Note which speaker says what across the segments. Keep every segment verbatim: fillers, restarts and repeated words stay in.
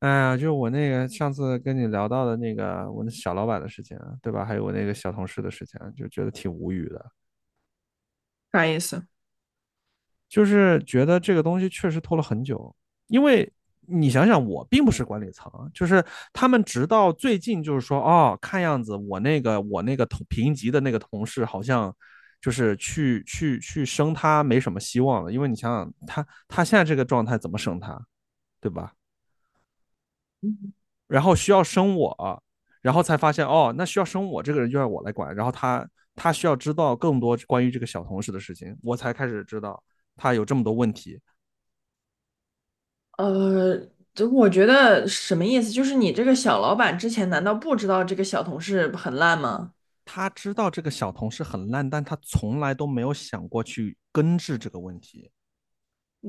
Speaker 1: 哎呀，就是我那个上次跟你聊到的那个我那小老板的事情啊，对吧？还有我那个小同事的事情啊，就觉得挺无语的。
Speaker 2: 啥意思？
Speaker 1: 就是觉得这个东西确实拖了很久。因为你想想，我并不是管理层啊。就是他们直到最近就是说，哦，看样子我那个我那个同评级的那个同事好像就是去去去升他没什么希望了，因为你想想他他现在这个状态怎么升他，对吧？然后需要生我，然后才发现，哦，那需要生我这个人就要我来管。然后他他需要知道更多关于这个小同事的事情，我才开始知道他有这么多问题。
Speaker 2: 呃，就我觉得什么意思？就是你这个小老板之前难道不知道这个小同事很烂吗？
Speaker 1: 他知道这个小同事很烂，但他从来都没有想过去根治这个问题。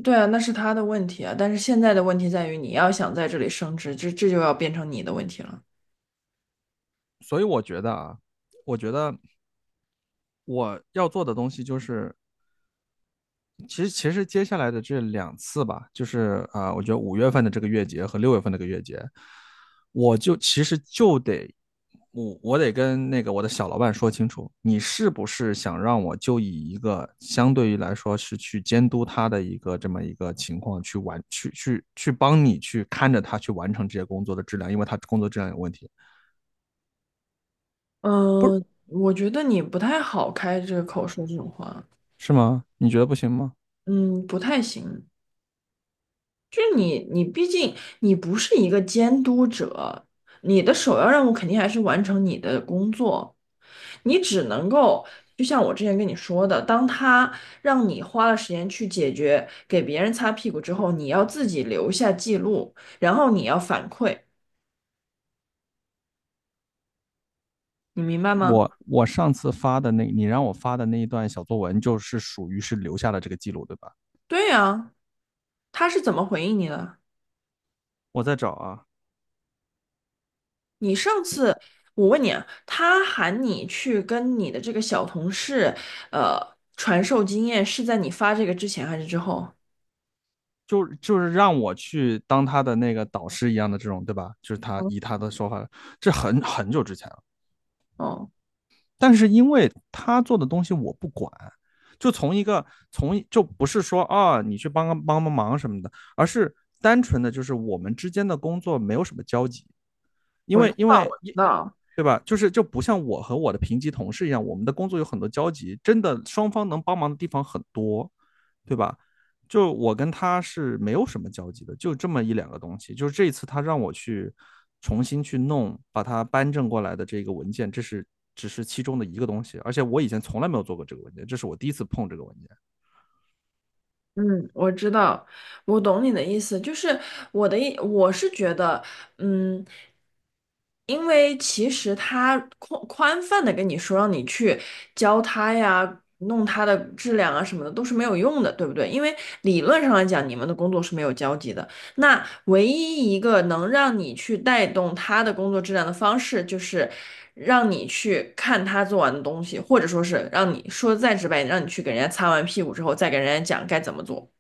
Speaker 2: 对啊，那是他的问题啊。但是现在的问题在于，你要想在这里升职，这这就要变成你的问题了。
Speaker 1: 所以我觉得啊，我觉得我要做的东西就是其实其实接下来的这两次吧，就是啊、呃我觉得五月份的这个月结和六月份的这个月结，我就其实就得我我得跟那个我的小老板说清楚，你是不是想让我就以一个相对于来说是去监督他的一个这么一个情况，去完去去去帮你去看着他去完成这些工作的质量，因为他工作质量有问题。不是。
Speaker 2: 嗯、我觉得你不太好开这个口说这种话，
Speaker 1: 是吗？你觉得不行吗？
Speaker 2: 嗯，不太行。就你，你毕竟你不是一个监督者，你的首要任务肯定还是完成你的工作。你只能够，就像我之前跟你说的，当他让你花了时间去解决给别人擦屁股之后，你要自己留下记录，然后你要反馈，你明白吗？
Speaker 1: 我我上次发的那，你让我发的那一段小作文，就是属于是留下了这个记录，对吧？
Speaker 2: 对呀，他是怎么回应你的？
Speaker 1: 我在找啊。
Speaker 2: 你上次我问你啊，他喊你去跟你的这个小同事，呃，传授经验，是在你发这个之前还是之后？
Speaker 1: 就就是让我去当他的那个导师一样的这种，对吧？就是他
Speaker 2: 嗯。
Speaker 1: 以他的说法，这很很久之前了。
Speaker 2: 哦，
Speaker 1: 但是因为他做的东西我不管，就从一个从就不是说啊你去帮帮帮帮忙什么的，而是单纯的就是我们之间的工作没有什么交集，因
Speaker 2: 我知
Speaker 1: 为因
Speaker 2: 道，
Speaker 1: 为
Speaker 2: 我知
Speaker 1: 你，
Speaker 2: 道。
Speaker 1: 对吧？就是就不像我和我的平级同事一样，我们的工作有很多交集，真的双方能帮忙的地方很多，对吧？就我跟他是没有什么交集的，就这么一两个东西。就是这一次他让我去重新去弄，把它搬正过来的这个文件，这是只是其中的一个东西，而且我以前从来没有做过这个文件，这是我第一次碰这个文件。
Speaker 2: 嗯，我知道，我懂你的意思，就是我的意，我是觉得，嗯，因为其实他宽宽泛的跟你说让你去教他呀，弄他的质量啊什么的都是没有用的，对不对？因为理论上来讲，你们的工作是没有交集的。那唯一一个能让你去带动他的工作质量的方式，就是让你去看他做完的东西，或者说是让你说的再直白一点，让你去给人家擦完屁股之后，再给人家讲该怎么做。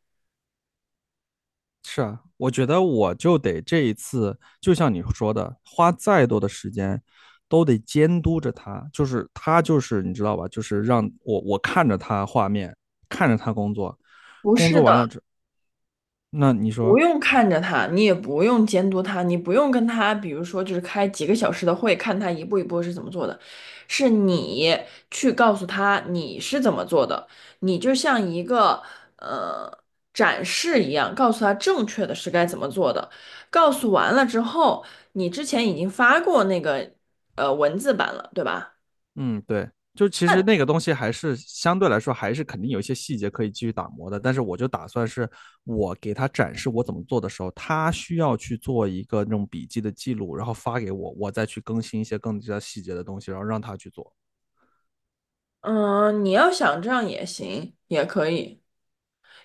Speaker 1: 是啊，我觉得我就得这一次，就像你说的，花再多的时间都得监督着他。就是他，就是你知道吧？就是让我我看着他画面，看着他工作，
Speaker 2: 不
Speaker 1: 工
Speaker 2: 是
Speaker 1: 作
Speaker 2: 的，
Speaker 1: 完了之，那你
Speaker 2: 不
Speaker 1: 说。
Speaker 2: 用看着他，你也不用监督他，你不用跟他，比如说就是开几个小时的会，看他一步一步是怎么做的，是你去告诉他你是怎么做的，你就像一个呃展示一样，告诉他正确的是该怎么做的。告诉完了之后，你之前已经发过那个呃文字版了，对吧？
Speaker 1: 嗯，对，就其实那个东西还是相对来说还是肯定有一些细节可以继续打磨的。但是我就打算是我给他展示我怎么做的时候，他需要去做一个那种笔记的记录，然后发给我，我再去更新一些更加细节的东西，然后让他去做。
Speaker 2: 嗯、你要想这样也行，也可以。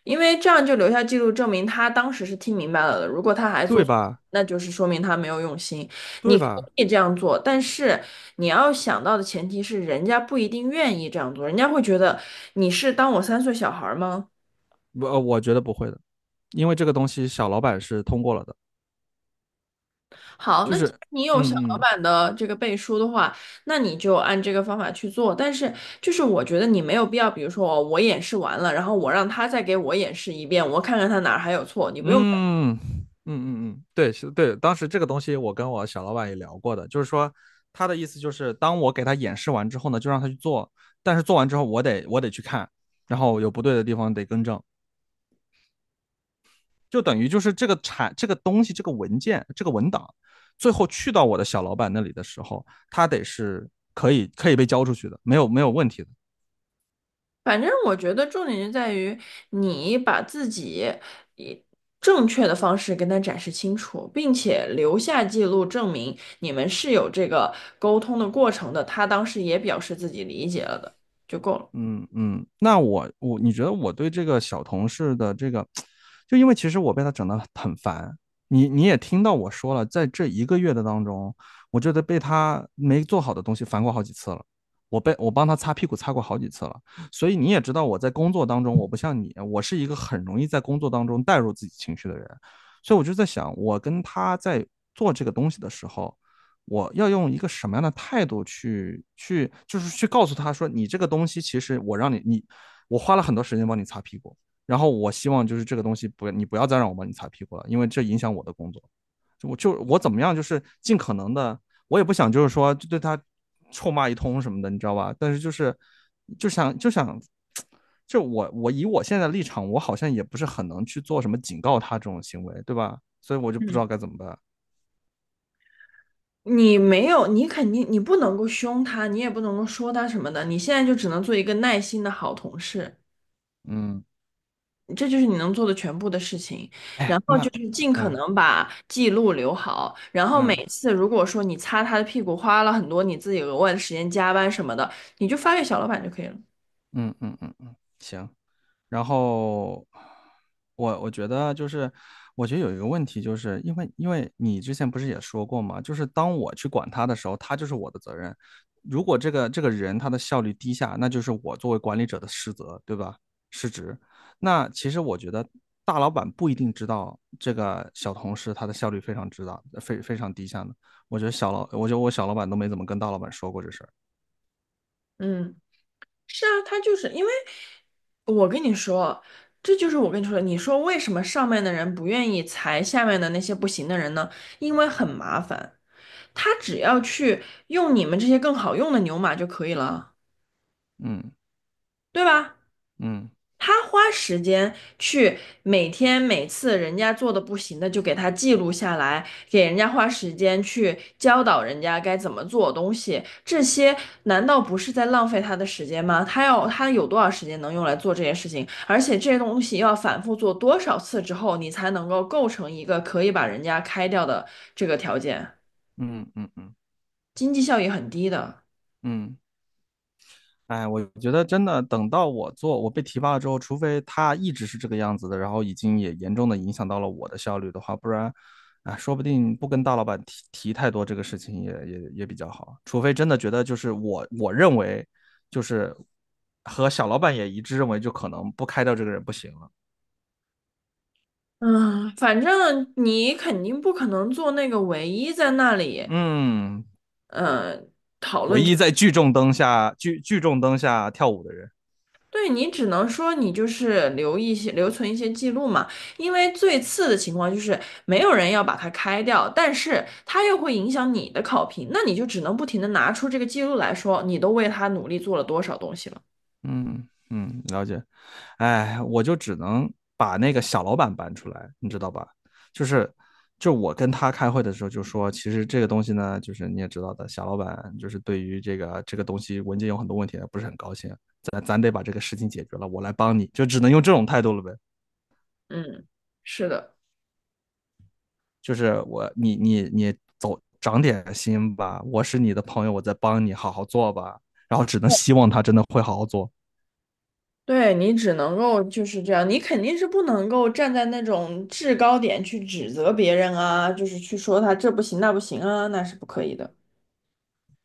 Speaker 2: 因为这样就留下记录，证明他当时是听明白了的。如果他还做
Speaker 1: 对
Speaker 2: 错，
Speaker 1: 吧？
Speaker 2: 那就是说明他没有用心。
Speaker 1: 对
Speaker 2: 你可
Speaker 1: 吧？
Speaker 2: 以这样做，但是你要想到的前提是，人家不一定愿意这样做，人家会觉得你是当我三岁小孩儿吗？
Speaker 1: 我呃我觉得不会的，因为这个东西小老板是通过了的，
Speaker 2: 好，
Speaker 1: 就
Speaker 2: 那
Speaker 1: 是
Speaker 2: 既然你有小老
Speaker 1: 嗯嗯
Speaker 2: 板的这个背书的话，那你就按这个方法去做。但是就是我觉得你没有必要，比如说我我演示完了，然后我让他再给我演示一遍，我看看他哪儿还有错，你不用。
Speaker 1: 嗯嗯嗯嗯，对是，对，当时这个东西我跟我小老板也聊过的，就是说他的意思就是，当我给他演示完之后呢，就让他去做，但是做完之后我得我得去看，然后有不对的地方得更正，就等于就是这个产这个东西这个文件这个文档，最后去到我的小老板那里的时候，他得是可以可以被交出去的，没有没有问题的。
Speaker 2: 反正我觉得重点就在于你把自己以正确的方式跟他展示清楚，并且留下记录证明你们是有这个沟通的过程的。他当时也表示自己理解了的，就够了。
Speaker 1: 嗯嗯。那我我你觉得我对这个小同事的这个，就因为其实我被他整得很烦。你你也听到我说了，在这一个月的当中，我觉得被他没做好的东西烦过好几次了。我被我帮他擦屁股擦过好几次了。所以你也知道我在工作当中，我不像你，我是一个很容易在工作当中带入自己情绪的人。所以我就在想，我跟他在做这个东西的时候，我要用一个什么样的态度去去，就是去告诉他说，你这个东西其实我让你你我花了很多时间帮你擦屁股。然后我希望就是这个东西不你不要再让我帮你擦屁股了，因为这影响我的工作。就我就我怎么样，就是尽可能的。我也不想就是说就对他臭骂一通什么的，你知道吧？但是就是就想就想，就我我以我现在的立场，我好像也不是很能去做什么警告他这种行为，对吧？所以我就不知道该怎么办。
Speaker 2: 你没有，你肯定你不能够凶他，你也不能够说他什么的，你现在就只能做一个耐心的好同事。
Speaker 1: 嗯。
Speaker 2: 这就是你能做的全部的事情，然
Speaker 1: 哎，
Speaker 2: 后就
Speaker 1: 那
Speaker 2: 是
Speaker 1: 呃
Speaker 2: 尽可
Speaker 1: 嗯。
Speaker 2: 能把记录留好，然后每
Speaker 1: 嗯
Speaker 2: 次如果说你擦他的屁股花了很多你自己额外的时间加班什么的，你就发给小老板就可以了。
Speaker 1: 嗯嗯嗯，行。然后我我觉得就是，我觉得有一个问题，就是因为因为你之前不是也说过嘛，就是当我去管他的时候，他就是我的责任。如果这个这个人他的效率低下，那就是我作为管理者的失责，对吧？失职。那其实我觉得大老板不一定知道这个小同事他的效率非常之大，非非常低下呢。我觉得小老，我觉得我小老板都没怎么跟大老板说过这事儿。
Speaker 2: 嗯，是啊，他就是因为我跟你说，这就是我跟你说的，你说为什么上面的人不愿意裁下面的那些不行的人呢？因为很麻烦，他只要去用你们这些更好用的牛马就可以了，
Speaker 1: 嗯
Speaker 2: 对吧？
Speaker 1: 嗯
Speaker 2: 他花时间去每天每次人家做的不行的就给他记录下来，给人家花时间去教导人家该怎么做东西，这些难道不是在浪费他的时间吗？他要他有多少时间能用来做这些事情？而且这些东西要反复做多少次之后，你才能够构成一个可以把人家开掉的这个条件，
Speaker 1: 嗯嗯嗯嗯。
Speaker 2: 经济效益很低的。
Speaker 1: 嗯。哎，我觉得真的，等到我做，我被提拔了之后，除非他一直是这个样子的，然后已经也严重的影响到了我的效率的话，不然，啊，说不定不跟大老板提提太多这个事情也也也比较好。除非真的觉得就是我我认为，就是和小老板也一致认为，就可能不开掉这个人不行了。
Speaker 2: 嗯，反正你肯定不可能做那个唯一在那里。
Speaker 1: 嗯。
Speaker 2: 嗯，
Speaker 1: 唯一在聚众灯下聚聚众灯下跳舞的人。
Speaker 2: 对你只能说你就是留一些留存一些记录嘛，因为最次的情况就是没有人要把它开掉，但是它又会影响你的考评，那你就只能不停的拿出这个记录来说，你都为他努力做了多少东西了。
Speaker 1: 嗯嗯，了解。哎，我就只能把那个小老板搬出来，你知道吧？就是就我跟他开会的时候就说，其实这个东西呢，就是你也知道的，小老板就是对于这个这个东西文件有很多问题，不是很高兴。咱咱得把这个事情解决了，我来帮你，就只能用这种态度了呗。
Speaker 2: 嗯，是的，
Speaker 1: 就是我，你你你走，长点心吧，我是你的朋友，我在帮你，好好做吧。然后只能希望他真的会好好做。
Speaker 2: 对你只能够就是这样，你肯定是不能够站在那种制高点去指责别人啊，就是去说他这不行那不行啊，那是不可以的。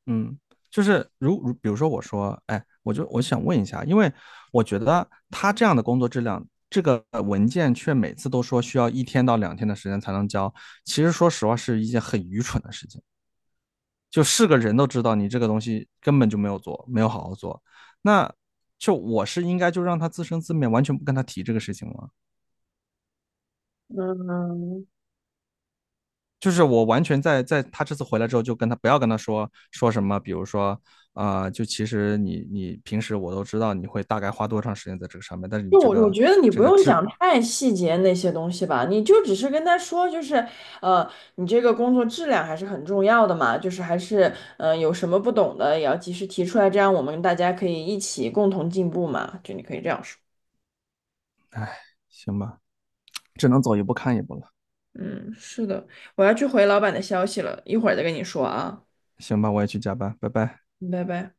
Speaker 1: 嗯。就是如如，比如说我说，哎，我就我想问一下，因为我觉得他这样的工作质量，这个文件却每次都说需要一天到两天的时间才能交，其实说实话是一件很愚蠢的事情，就是个人都知道你这个东西根本就没有做，没有好好做。那就我是应该就让他自生自灭，完全不跟他提这个事情吗？
Speaker 2: 嗯，
Speaker 1: 就是我完全在在他这次回来之后，就跟他不要跟他说说什么。比如说，啊，呃就其实你你平时我都知道你会大概花多长时间在这个上面，但是你
Speaker 2: 就我
Speaker 1: 这
Speaker 2: 我
Speaker 1: 个
Speaker 2: 觉得你不
Speaker 1: 这个
Speaker 2: 用
Speaker 1: 质，
Speaker 2: 讲太细节那些东西吧，你就只是跟他说，就是呃，你这个工作质量还是很重要的嘛，就是还是嗯、呃有什么不懂的也要及时提出来，这样我们大家可以一起共同进步嘛，就你可以这样说。
Speaker 1: 哎，行吧，只能走一步看一步了。
Speaker 2: 嗯，是的，我要去回老板的消息了，一会儿再跟你说啊，
Speaker 1: 行吧，我也去加班，拜拜。
Speaker 2: 拜拜。